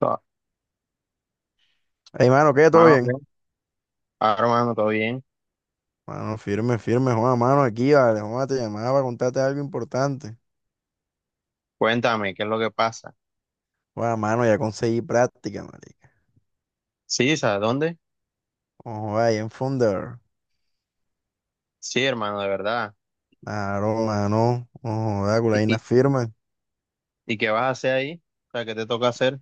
Ah, Hey, mano, ¿qué? ¿Todo Mano, ¿qué? bien? Ah, hermano, todo bien. Mano, firme, firme, Juan, mano, aquí, vale, Juan, te llamaba para contarte algo importante. Cuéntame, ¿qué es lo que pasa? Juan, mano, ya conseguí práctica, marica. Sí, ¿sabes dónde? Ojo, ahí en Funder. Sí, hermano, de verdad. Claro, mano, ojo, da ¿Y, culaína y, firme. y qué vas a hacer ahí? O sea, ¿qué te toca hacer?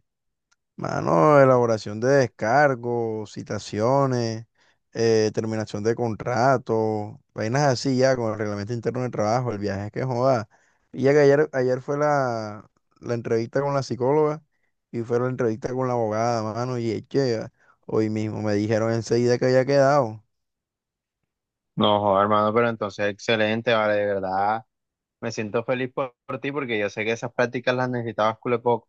Mano, elaboración de descargos, citaciones, terminación de contrato, vainas así ya con el reglamento interno de trabajo, el viaje es que joda. Y ya que ayer, ayer fue la entrevista con la psicóloga. Y fueron a la entrevista con la abogada, mano, y eche, hoy mismo me dijeron enseguida que había quedado. No, joder, hermano, pero entonces excelente, vale, de verdad. Me siento feliz por ti porque yo sé que esas prácticas las necesitabas cule poco.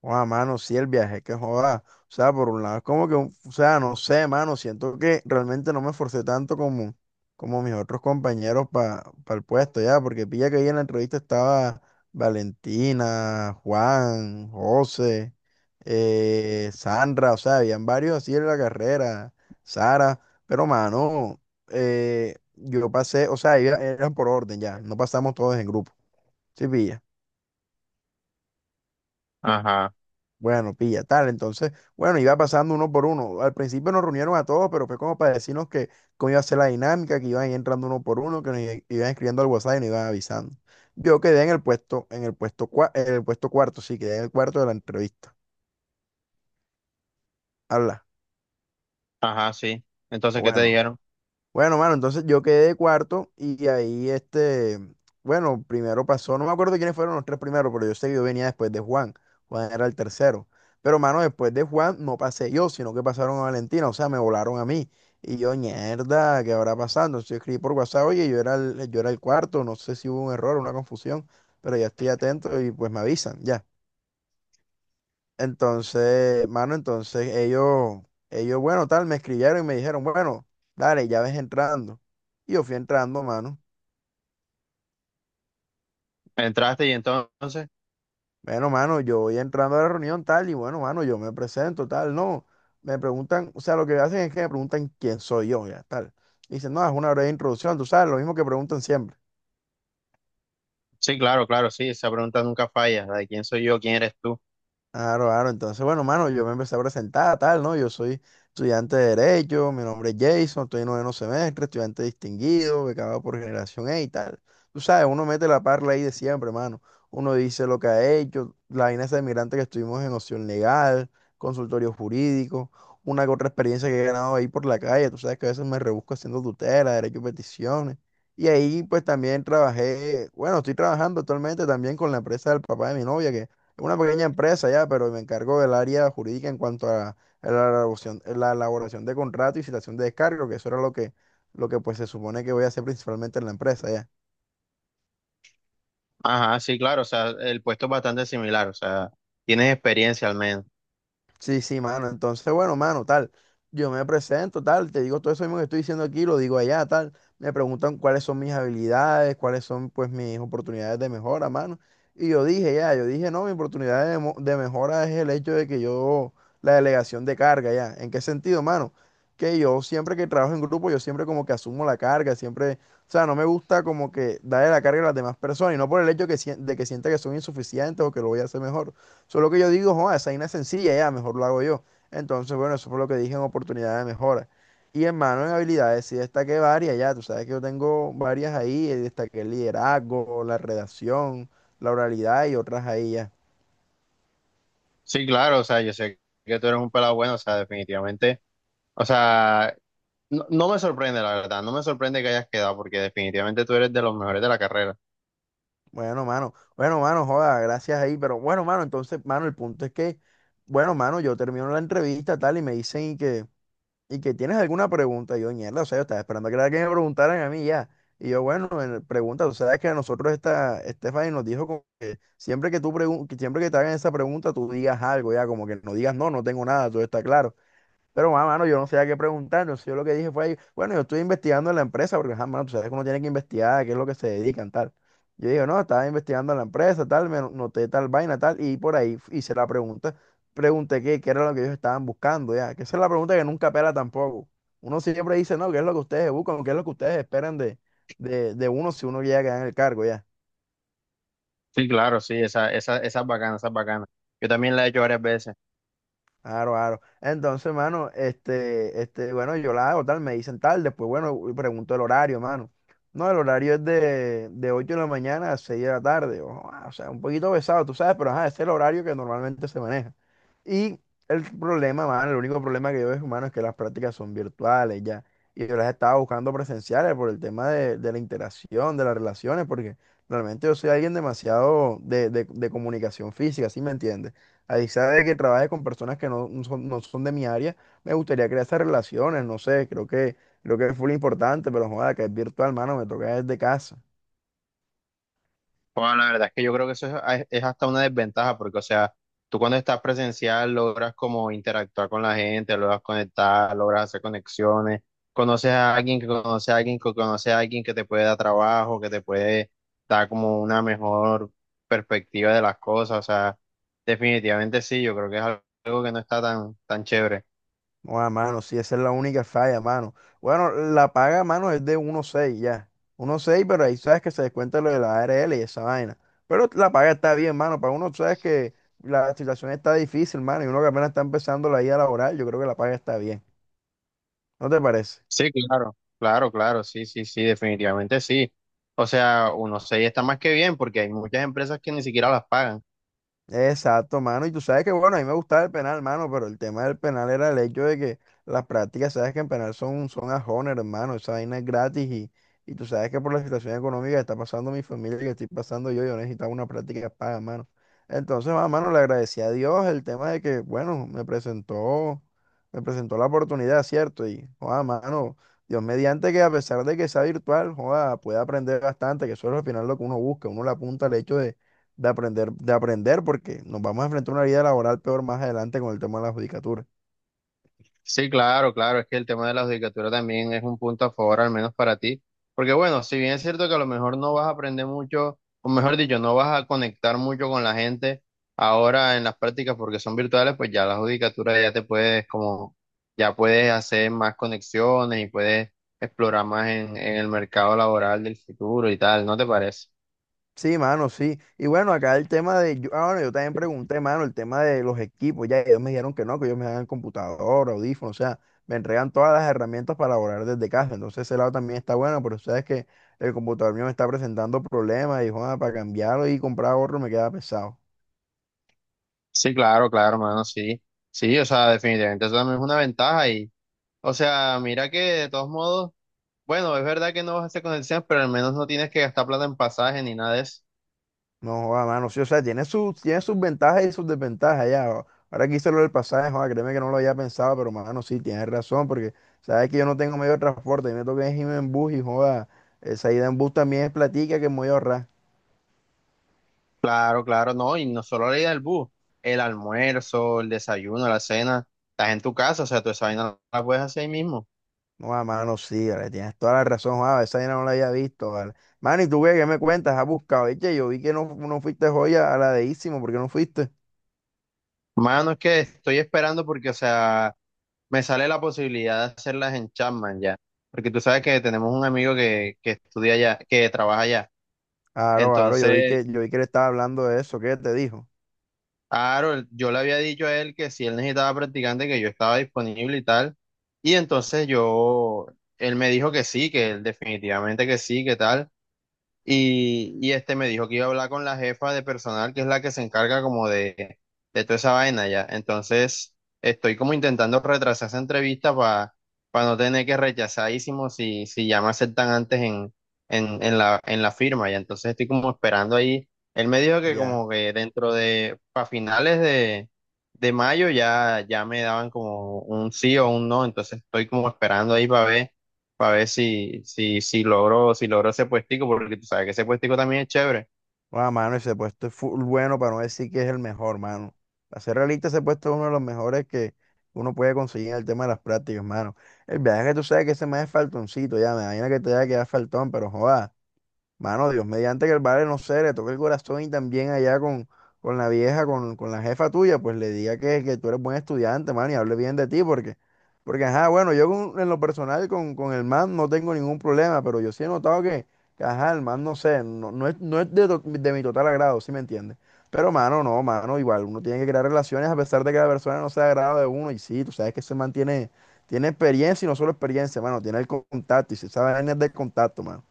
Joda, mano, sí, el viaje, que joda. O sea, por un lado es como que, o sea, no sé, mano, siento que realmente no me esforcé tanto como, como mis otros compañeros para el puesto, ya, porque pilla que ahí en la entrevista estaba Valentina, Juan, José, Sandra, o sea, habían varios así en la carrera, Sara, pero mano, yo pasé, o sea, eran por orden ya, no pasamos todos en grupo, sí, pilla, Ajá, bueno, pilla, tal, entonces, bueno, iba pasando uno por uno, al principio nos reunieron a todos, pero fue como para decirnos que cómo iba a ser la dinámica, que iban entrando uno por uno, que iban escribiendo al WhatsApp y nos iban avisando. Yo quedé en el puesto, en el puesto, en el puesto cuarto, sí, quedé en el cuarto de la entrevista. Habla, ajá, sí. Entonces, ¿qué te bueno. dijeron? Bueno, mano, entonces yo quedé de cuarto y ahí este, bueno, primero pasó, no me acuerdo quiénes fueron los tres primeros, pero yo sé que yo venía después de Juan, Juan era el tercero, pero mano, después de Juan no pasé yo, sino que pasaron a Valentina, o sea, me volaron a mí y yo, mierda, ¿qué habrá pasado? Entonces yo escribí por WhatsApp, oye, yo era el cuarto, no sé si hubo un error, una confusión, pero ya estoy atento y pues me avisan, ya. Entonces, mano, entonces ellos, bueno, tal, me escribieron y me dijeron, bueno, dale, ya ves entrando. Y yo fui entrando, mano. ¿Entraste y entonces? Bueno, mano, yo voy entrando a la reunión, tal, y bueno, mano, yo me presento, tal, no. Me preguntan, o sea, lo que hacen es que me preguntan quién soy yo, ya, tal. Dicen, no, es una breve introducción, tú sabes, lo mismo que preguntan siempre. Sí, claro, claro, sí, esa pregunta nunca falla, la de quién soy yo, quién eres tú. Claro, claro. Entonces, bueno, mano, yo me empecé a presentar, tal, ¿no? Yo soy estudiante de Derecho, mi nombre es Jason, estoy en noveno semestre, estudiante distinguido, becado por Generación E y tal. Tú sabes, uno mete la parla ahí de siempre, mano. Uno dice lo que ha hecho, la vaina esa de migrante que estuvimos en opción legal, consultorio jurídico, una que otra experiencia que he ganado ahí por la calle. Tú sabes que a veces me rebusco haciendo tutela, derecho y peticiones. Y ahí, pues, también trabajé, bueno, estoy trabajando actualmente también con la empresa del papá de mi novia, que una pequeña empresa ya, pero me encargo del área jurídica en cuanto a la elaboración de contrato y citación de descargo, que eso era lo que pues se supone que voy a hacer principalmente en la empresa ya. Ajá, sí, claro, o sea, el puesto es bastante similar, o sea, tienes experiencia al menos. Sí, sí, mano. Entonces, bueno, mano, tal. Yo me presento, tal. Te digo todo eso mismo que estoy diciendo aquí, lo digo allá, tal. Me preguntan cuáles son mis habilidades, cuáles son, pues, mis oportunidades de mejora, mano. Y yo dije, ya, yo dije, no, mi oportunidad de mejora es el hecho de que yo, la delegación de carga, ya. ¿En qué sentido, mano? Que yo siempre que trabajo en grupo, yo siempre como que asumo la carga, siempre, o sea, no me gusta como que darle la carga a las demás personas y no por el hecho que, de que sienta que son insuficientes o que lo voy a hacer mejor. Solo que yo digo, joder, esa vaina es sencilla, ya, mejor lo hago yo. Entonces, bueno, eso fue lo que dije en oportunidad de mejora. Y hermano, en habilidades sí destaqué varias, ya, tú sabes que yo tengo varias ahí, destaqué el liderazgo, la redacción, la oralidad y otras ahí ya. Sí, claro, o sea, yo sé que tú eres un pelado bueno, o sea, definitivamente, o sea, no me sorprende, la verdad, no me sorprende que hayas quedado, porque definitivamente tú eres de los mejores de la carrera. Bueno, mano, joda, gracias ahí, pero bueno, mano, entonces, mano, el punto es que, bueno, mano, yo termino la entrevista tal y me dicen y que tienes alguna pregunta, y yo, mierda, o sea, yo estaba esperando que, era que me preguntaran a mí ya. Y yo, bueno, pregunta, tú sabes que a nosotros esta Stephanie nos dijo como que siempre que que siempre que te hagan esa pregunta, tú digas algo, ya, como que no digas no, no tengo nada, todo está claro. Pero, mano, yo no sabía qué preguntar. Entonces, yo lo que dije fue, ahí, bueno, yo estoy investigando en la empresa, porque, ajá, mano, tú sabes que uno tiene que investigar, qué es lo que se dedican, tal. Yo dije, no, estaba investigando en la empresa, tal, me noté tal vaina, tal, y por ahí hice la pregunta. Pregunté qué, qué era lo que ellos estaban buscando, ya. Que esa es la pregunta que nunca pela tampoco. Uno siempre dice, no, qué es lo que ustedes buscan, qué es lo que ustedes esperan de uno si uno llega a ganar el cargo, ya. Sí, claro, sí, esa, esa es bacana, esa es bacana. Yo también la he hecho varias veces. Claro, claro. Entonces, mano, este, bueno, yo la hago tal, me dicen tal, después, bueno, pregunto el horario, mano. No, el horario es de 8 de la mañana a 6 de la tarde. Ojo, ah, o sea, un poquito pesado, tú sabes, pero ajá, ese es el horario que normalmente se maneja. Y el problema, mano, el único problema que yo veo, mano, es que las prácticas son virtuales ya. Y yo las estaba buscando presenciales por el tema de la interacción, de las relaciones, porque realmente yo soy alguien demasiado de comunicación física, ¿sí me entiendes? A Isa de que trabaje con personas que no son, no son de mi área, me gustaría crear esas relaciones, no sé, creo que fue lo importante, pero joda, que es virtual, mano, me toca desde casa. Bueno, la verdad es que yo creo que eso es hasta una desventaja, porque, o sea, tú cuando estás presencial logras como interactuar con la gente, logras conectar, logras hacer conexiones, conoces a alguien que conoce a alguien que conoce a alguien que te puede dar trabajo, que te puede dar como una mejor perspectiva de las cosas, o sea, definitivamente sí, yo creo que es algo que no está tan chévere. Joda, mano, sí, esa es la única falla, mano. Bueno, la paga, mano, es de 1.6 ya. 1.6, pero ahí sabes que se descuenta lo de la ARL y esa vaina. Pero la paga está bien, mano, para uno sabes que la situación está difícil, mano, y uno que apenas está empezando la vida laboral, yo creo que la paga está bien. ¿No te parece? Sí, claro, claro, claro, sí, sí, sí, definitivamente sí. O sea, uno se está más que bien porque hay muchas empresas que ni siquiera las pagan. Exacto, mano. Y tú sabes que, bueno, a mí me gustaba el penal, mano, pero el tema del penal era el hecho de que las prácticas, sabes que en penal son, son a honor, hermano, esa vaina es gratis y tú sabes que por la situación económica que está pasando mi familia, y que estoy pasando yo, yo necesitaba una práctica paga, mano. Entonces, ah, mano, le agradecí a Dios el tema de que, bueno, me presentó la oportunidad, ¿cierto? Y, joda, mano, Dios mediante que a pesar de que sea virtual, joda, puede aprender bastante, que eso es al final lo que uno busca, uno le apunta al hecho de aprender, porque nos vamos a enfrentar a una vida laboral peor más adelante con el tema de la judicatura. Sí, claro, claro, es que el tema de la judicatura también es un punto a favor, al menos para ti, porque bueno, si bien es cierto que a lo mejor no vas a aprender mucho, o mejor dicho, no vas a conectar mucho con la gente ahora en las prácticas porque son virtuales, pues ya la judicatura ya te puedes como, ya puedes hacer más conexiones y puedes explorar más en el mercado laboral del futuro y tal, ¿no te parece? Sí, mano, sí. Y bueno, acá el tema de, yo, ah, bueno, yo también pregunté, mano, el tema de los equipos, ya ellos me dijeron que no, que ellos me dan computador, audífonos, o sea, me entregan todas las herramientas para laborar desde casa. Entonces ese lado también está bueno, pero sabes que el computador mío me está presentando problemas y, joda, para cambiarlo y comprar otro me queda pesado. Sí, claro, claro, hermano, sí, sí, o sea, definitivamente eso también es una ventaja y, o sea, mira que de todos modos... Bueno, es verdad que no vas a hacer conexiones, pero al menos no tienes que gastar plata en pasaje ni nada de eso. No, joda, mano, sí, o sea, tiene sus ventajas y sus desventajas ya. Ahora que hice lo del pasaje, joda, créeme que no lo había pensado, pero mano, sí, tienes razón, porque sabes que yo no tengo medio de transporte, y me toca irme en bus y joda, esa ida en bus también es platica que me voy a ahorrar. Claro, claro, no, y no solo la ida del bus, el almuerzo, el desayuno, la cena, estás en tu casa, o sea, tú esa vaina la puedes hacer ahí mismo. No, joda, mano, sí, vale, tienes toda la razón, joda, esa vaina no la había visto, vale. Mano, ¿y tú qué, qué me cuentas? ¿Has buscado? Eche, yo vi que no, no fuiste joya a la de Ísimo, ¿por qué no fuiste? Mano, es que estoy esperando porque, o sea, me sale la posibilidad de hacerlas en Chapman ya, porque tú sabes que tenemos un amigo que estudia allá, que trabaja allá, Aro, aro, entonces yo vi que le estaba hablando de eso, ¿qué te dijo? claro, él- yo le había dicho a él que si él necesitaba practicante, que yo estaba disponible y tal. Y entonces yo, él me dijo que sí, que él definitivamente que sí, que tal. Y este me dijo que iba a hablar con la jefa de personal, que es la que se encarga como de toda esa vaina ya. Entonces, estoy como intentando retrasar esa entrevista para no tener que rechazadísimo si ya me aceptan antes en la firma. Y entonces estoy como esperando ahí. Él me dijo que Ya. como que dentro de, para finales de mayo ya, ya me daban como un sí o un no. Entonces estoy como esperando ahí para ver si logro, si logro ese puestico, porque tú sabes que ese puestico también es chévere. Bueno, mano, ese puesto es full bueno para no decir que es el mejor, mano. Para ser realista, ese puesto es uno de los mejores que uno puede conseguir en el tema de las prácticas, mano. El viaje que tú sabes que ese más es faltoncito, ya me imagino que te haya quedado faltón, pero joda. Mano, Dios, mediante que el vale, no sé, le toque el corazón y también allá con la vieja, con la jefa tuya, pues le diga que tú eres buen estudiante, mano, y hable bien de ti, porque, porque, ajá, bueno, yo en lo personal con el man no tengo ningún problema, pero yo sí he notado que, ajá, el man, no sé, no, no es de mi total agrado, ¿sí me entiendes? Pero, mano, no, mano, igual, uno tiene que crear relaciones a pesar de que la persona no sea de agrado de uno, y sí, tú sabes que ese man tiene, tiene experiencia y no solo experiencia, mano, tiene el contacto, y si sabe es de contacto, mano,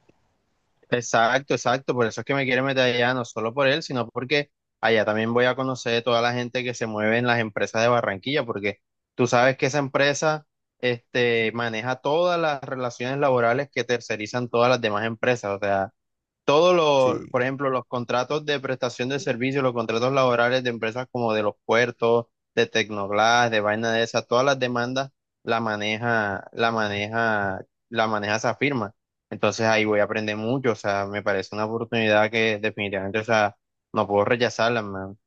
Exacto, exacto, por eso es que me quiero meter allá, no solo por él, sino porque allá también voy a conocer toda la gente que se mueve en las empresas de Barranquilla, porque tú sabes que esa empresa, este, maneja todas las relaciones laborales que tercerizan todas las demás empresas, o sea, todos los, por sí. ejemplo, los contratos de prestación de servicios, los contratos laborales de empresas como de los puertos, de Tecnoglass, de vaina de esas, todas las demandas la maneja, la maneja, la maneja esa firma. Entonces ahí voy a aprender mucho, o sea, me parece una oportunidad que definitivamente, o sea, no puedo rechazarla, man.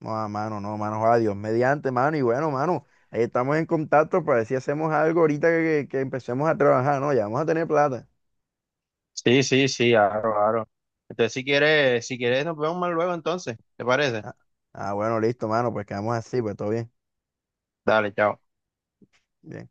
No, ah, mano, no, mano, adiós Dios mediante, mano, y bueno, mano, ahí estamos en contacto para ver si hacemos algo ahorita que empecemos a trabajar, ¿no? Ya vamos a tener plata. Sí, sí, sí, claro, claro. Entonces si quieres nos vemos más luego entonces, ¿te parece? Ah, ah, bueno, listo, mano, pues quedamos así, pues todo bien. Dale, chao. Bien.